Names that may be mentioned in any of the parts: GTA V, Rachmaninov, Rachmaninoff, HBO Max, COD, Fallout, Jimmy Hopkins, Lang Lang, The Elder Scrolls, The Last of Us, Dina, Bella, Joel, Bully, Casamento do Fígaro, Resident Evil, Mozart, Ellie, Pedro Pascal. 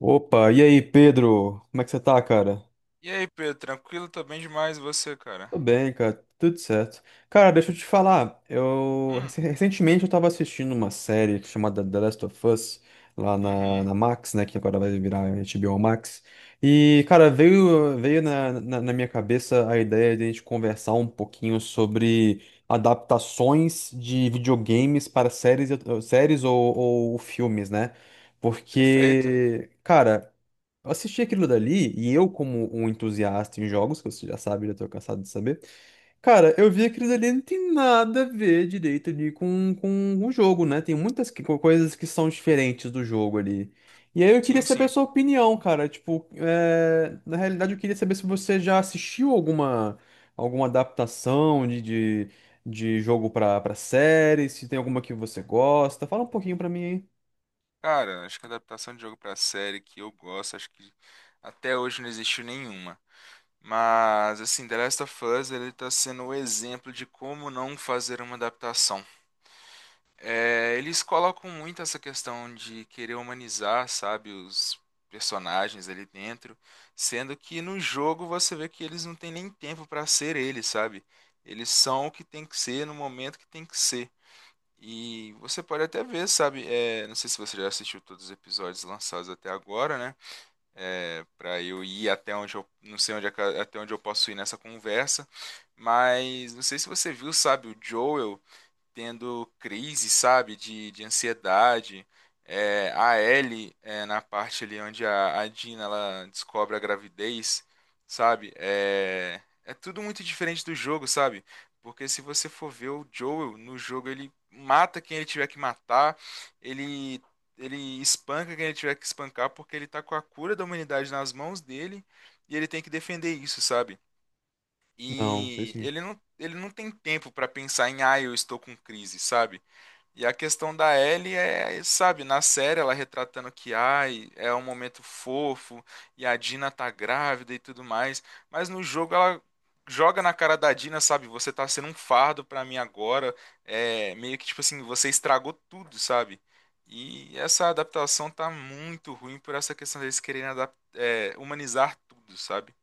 Opa, e aí, Pedro? Como é que você tá, cara? E aí, Pedro, tranquilo? Tô bem demais, e você, cara? Tô bem, cara, tudo certo. Cara, deixa eu te falar, Hum. Recentemente eu tava assistindo uma série chamada The Last of Us lá na, Uhum. na Max, né, que agora vai virar HBO Max. E, cara, veio na minha cabeça a ideia de a gente conversar um pouquinho sobre adaptações de videogames para séries, séries ou filmes, né? Perfeito. Porque, cara, eu assisti aquilo dali e eu, como um entusiasta em jogos, que você já sabe, já tô cansado de saber, cara, eu vi aquilo dali não tem nada a ver direito ali com o jogo, né? Tem muitas coisas que são diferentes do jogo ali. E aí eu queria Sim, saber a sim. sua opinião, cara. Tipo, é, na realidade eu queria saber se você já assistiu alguma, alguma adaptação de jogo pra série, se tem alguma que você gosta. Fala um pouquinho pra mim aí. Cara, acho que a adaptação de jogo pra série que eu gosto, acho que até hoje não existiu nenhuma. Mas, assim, The Last of Us, ele tá sendo o exemplo de como não fazer uma adaptação. É, eles colocam muito essa questão de querer humanizar, sabe, os personagens ali dentro, sendo que no jogo você vê que eles não têm nem tempo para ser eles, sabe? Eles são o que tem que ser no momento que tem que ser. E você pode até ver, sabe? É, não sei se você já assistiu todos os episódios lançados até agora, né? É, para eu ir até onde eu não sei até onde eu posso ir nessa conversa, mas não sei se você viu, sabe? O Joel tendo crise, sabe, de ansiedade. É, a Ellie, é, na parte ali onde a Dina ela descobre a gravidez, sabe, é tudo muito diferente do jogo, sabe? Porque se você for ver o Joel no jogo, ele mata quem ele tiver que matar, ele ele espanca quem ele tiver que espancar porque ele tá com a cura da humanidade nas mãos dele e ele tem que defender isso, sabe? Não, sei E sim. ele não tem tempo para pensar em, ah, eu estou com crise, sabe? E a questão da Ellie é, sabe, na série ela retratando que, ai, é um momento fofo e a Dina tá grávida e tudo mais, mas no jogo ela joga na cara da Dina, sabe? Você tá sendo um fardo pra mim agora, é meio que tipo assim, você estragou tudo, sabe? E essa adaptação tá muito ruim por essa questão deles quererem é, humanizar tudo, sabe?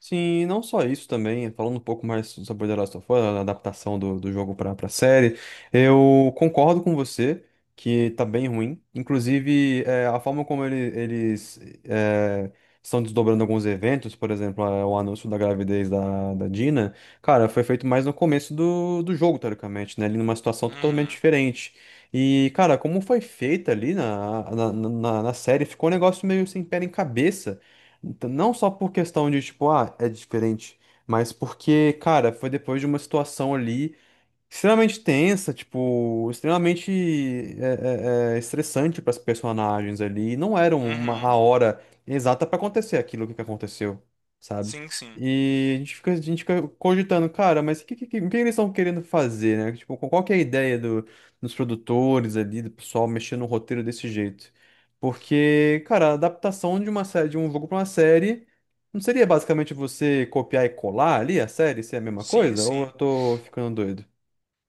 Sim, e não só isso também, falando um pouco mais sobre The Last of Us, a adaptação do jogo para a série, eu concordo com você que tá bem ruim. Inclusive, é, a forma como eles é, estão desdobrando alguns eventos, por exemplo, é, o anúncio da gravidez da Dina, cara, foi feito mais no começo do jogo, teoricamente, né? Ali numa situação totalmente Uhum, diferente. E, cara, como foi feita ali na série, ficou um negócio meio sem pé nem cabeça. Então, não só por questão de, tipo, ah, é diferente, mas porque, cara, foi depois de uma situação ali extremamente tensa, tipo, extremamente estressante para as personagens ali. Não era uma a uhum. hora exata para acontecer aquilo que aconteceu, sabe? Sim, sim. E a gente fica cogitando, cara, mas o que eles estão querendo fazer, né? Tipo, qual que é a ideia do, dos produtores ali, do pessoal mexendo no roteiro desse jeito? Porque, cara, a adaptação de uma série, de um jogo para uma série, não seria basicamente você copiar e colar ali a série, se é a mesma Sim, coisa? Ou eu sim. tô ficando doido?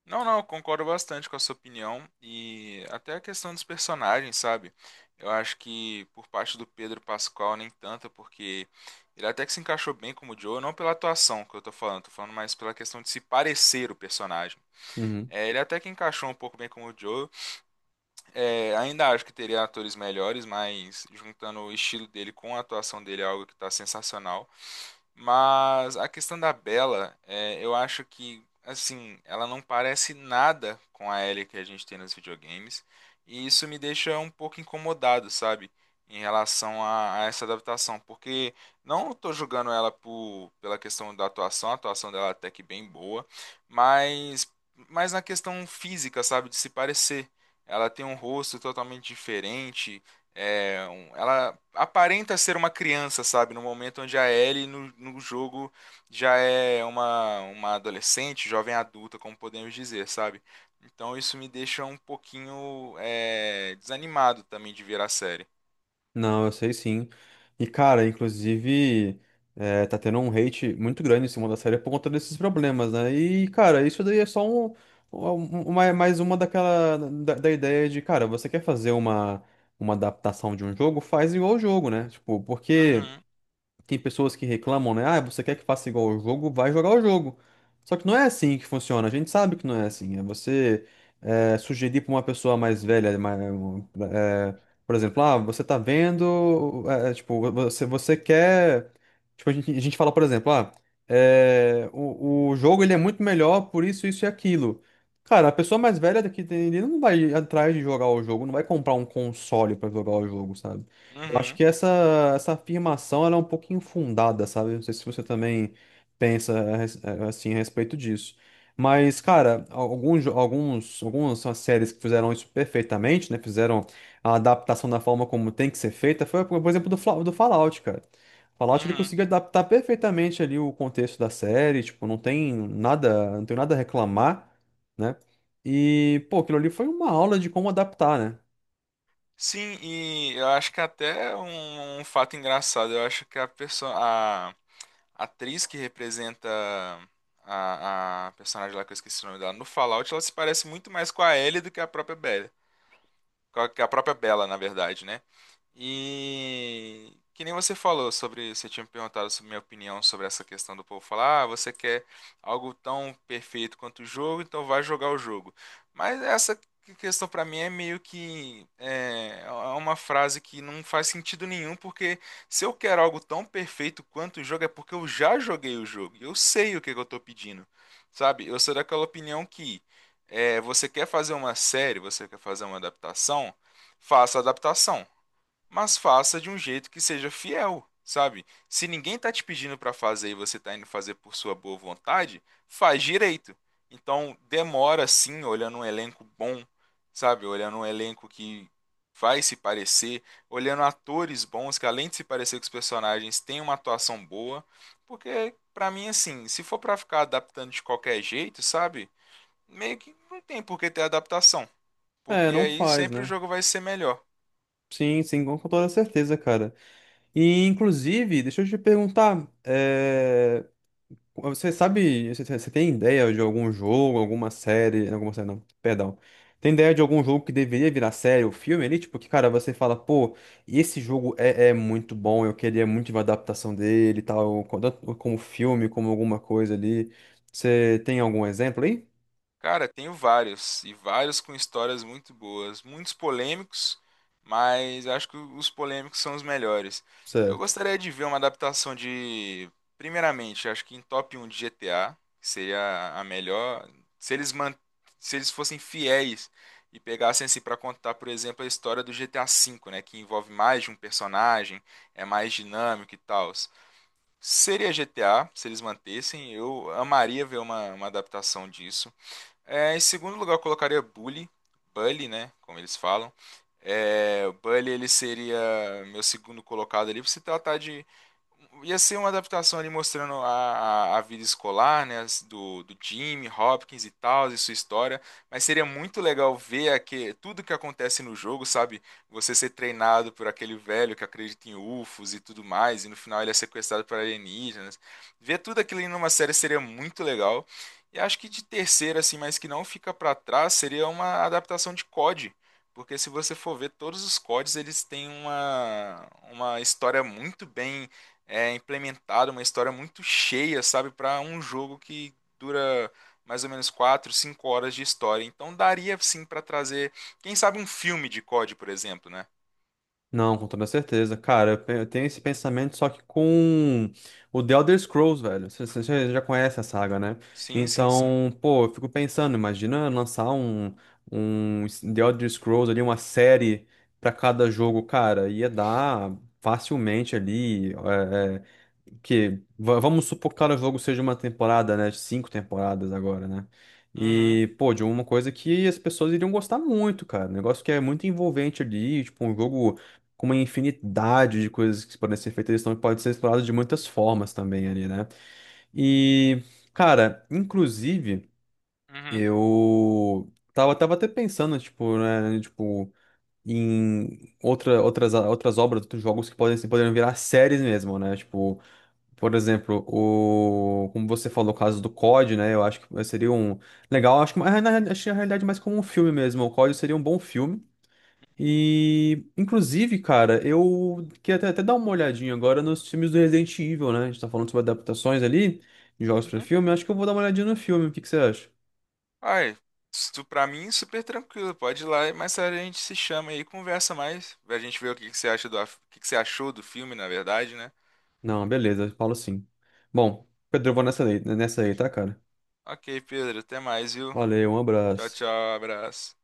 Não, não, eu concordo bastante com a sua opinião e até a questão dos personagens, sabe? Eu acho que por parte do Pedro Pascal nem tanto, porque ele até que se encaixou bem como o Joe, não pela atuação que eu tô falando mais pela questão de se parecer o personagem. Uhum. É, ele até que encaixou um pouco bem como o Joe. É, ainda acho que teria atores melhores, mas juntando o estilo dele com a atuação dele é algo que está sensacional. Mas a questão da Bella, é, eu acho que, assim, ela não parece nada com a Ellie que a gente tem nos videogames. E isso me deixa um pouco incomodado, sabe? Em relação a essa adaptação. Porque não estou julgando ela por, pela questão da atuação, a atuação dela é até que bem boa. Mas, mas na questão física, sabe? De se parecer. Ela tem um rosto totalmente diferente. É, ela aparenta ser uma criança, sabe? No momento onde a Ellie no jogo já é uma adolescente, jovem adulta, como podemos dizer, sabe? Então isso me deixa um pouquinho é, desanimado também de ver a série. Não, eu sei sim. E, cara, inclusive, é, tá tendo um hate muito grande em cima da série por conta desses problemas, né? E, cara, isso daí é só um- mais uma daquela, da ideia de, cara, você quer fazer uma adaptação de um jogo? Faz igual o jogo, né? Tipo, porque. Uhum, Tem pessoas que reclamam, né? Ah, você quer que faça igual o jogo? Vai jogar o jogo. Só que não é assim que funciona. A gente sabe que não é assim. É você é, sugerir para uma pessoa mais velha, mais, é, por exemplo, ah, você tá vendo, tipo, você quer. Tipo, a gente fala, por exemplo, ah, é, o jogo ele é muito melhor por isso, isso e aquilo. Cara, a pessoa mais velha daqui ele não vai atrás de jogar o jogo, não vai comprar um console para jogar o jogo, sabe? Eu acho uhum, que essa afirmação ela é um pouco infundada, sabe? Não sei se você também pensa assim a respeito disso. Mas, cara, algumas são as séries que fizeram isso perfeitamente, né? Fizeram a adaptação da forma como tem que ser feita. Foi, por exemplo, do Fallout, cara. Fallout ele uhum. conseguiu adaptar perfeitamente ali o contexto da série, tipo, não tem nada, não tem nada a reclamar, né? E, pô, aquilo ali foi uma aula de como adaptar, né? Sim, e eu acho que até um fato engraçado, eu acho que a atriz que representa a personagem lá que eu esqueci o nome dela no Fallout, ela se parece muito mais com a Ellie do que a própria Bella. Com a, que a própria Bella, na verdade, né? E que nem você falou sobre, você tinha me perguntado sobre minha opinião sobre essa questão do povo falar, ah, você quer algo tão perfeito quanto o jogo, então vai jogar o jogo. Mas essa questão pra mim é meio que é, é uma frase que não faz sentido nenhum, porque se eu quero algo tão perfeito quanto o jogo é porque eu já joguei o jogo, eu sei o que que eu tô pedindo, sabe? Eu sou daquela opinião que é, você quer fazer uma série, você quer fazer uma adaptação, faça a adaptação mas faça de um jeito que seja fiel, sabe? Se ninguém tá te pedindo para fazer e você tá indo fazer por sua boa vontade, faz direito. Então, demora sim, olhando um elenco bom, sabe? Olhando um elenco que vai se parecer, olhando atores bons que além de se parecer com os personagens, tem uma atuação boa, porque pra mim assim, se for pra ficar adaptando de qualquer jeito, sabe? Meio que não tem por que ter adaptação, É, porque não aí faz, sempre o né? jogo vai ser melhor. Sim, sim, com toda certeza, cara. E, inclusive, deixa eu te perguntar, é, você sabe, você tem ideia de algum jogo, alguma série não, perdão, tem ideia de algum jogo que deveria virar série ou filme ali? Tipo, que, cara, você fala, pô, esse jogo é muito bom, eu queria muito uma adaptação dele e tal, tanto como filme, como alguma coisa ali. Você tem algum exemplo aí? Cara, tenho vários, e vários com histórias muito boas, muitos polêmicos, mas acho que os polêmicos são os melhores. Eu Certo. gostaria de ver uma adaptação de, primeiramente, acho que em top 1 de GTA, que seria a melhor, se eles man... se eles fossem fiéis e pegassem assim para contar, por exemplo, a história do GTA V, né, que envolve mais de um personagem, é mais dinâmico e tal. Seria GTA, se eles mantessem, eu amaria ver uma adaptação disso. É, em segundo lugar, eu colocaria Bully, Bully, né? Como eles falam. É, o Bully ele seria meu segundo colocado ali, pra se tratar de. Ia ser uma adaptação ali mostrando a vida escolar, né, do Jimmy, Hopkins e tal, e sua história, mas seria muito legal ver tudo que acontece no jogo, sabe? Você ser treinado por aquele velho que acredita em UFOs e tudo mais, e no final ele é sequestrado por alienígenas. Ver tudo aquilo em uma série seria muito legal. E acho que de terceira, assim, mas que não fica pra trás, seria uma adaptação de COD. Porque se você for ver todos os CODs, eles têm uma história muito bem é implementado uma história muito cheia, sabe, para um jogo que dura mais ou menos 4, 5 horas de história. Então daria sim para trazer, quem sabe um filme de COD, por exemplo, né? Não, com toda certeza. Cara, eu tenho esse pensamento só que com o The Elder Scrolls, velho. Você já já conhece a saga, né? Sim, sim, sim. Então, pô, eu fico pensando, imagina lançar um, The Elder Scrolls ali, uma série pra cada jogo, cara. Ia dar facilmente ali, que vamos supor que cada jogo seja uma temporada, né? Cinco temporadas agora, né? Uhum, E, pô, de uma coisa que as pessoas iriam gostar muito, cara. Um negócio que é muito envolvente ali, tipo, um jogo com uma infinidade de coisas que podem ser feitas, eles estão, pode ser explorado de muitas formas também ali, né? E, cara, inclusive, uhum, eu tava, tava até pensando, tipo, né, tipo, em outra, outras, outras obras, outros jogos que podem, poderiam virar séries mesmo, né? Tipo, por exemplo, como você falou, o caso do COD, né? Eu acho que seria um legal, acho que acho que na realidade mais como um filme mesmo. O COD seria um bom filme. E, inclusive, cara, eu queria até dar uma olhadinha agora nos filmes do Resident Evil, né? A gente tá falando sobre adaptações ali, de jogos pra uhum. filme. Acho que eu vou dar uma olhadinha no filme. O que que você acha? Ai, isso pra mim é super tranquilo, pode ir lá, mas a gente se chama aí, e conversa mais, a gente vê o que que você acha do, o que que você achou do filme, na verdade, né? Não, beleza, falo sim. Bom, Pedro, eu vou nessa aí, tá, cara? Ok, Pedro, até mais, viu? Valeu, um Tchau, abraço. tchau, abraço.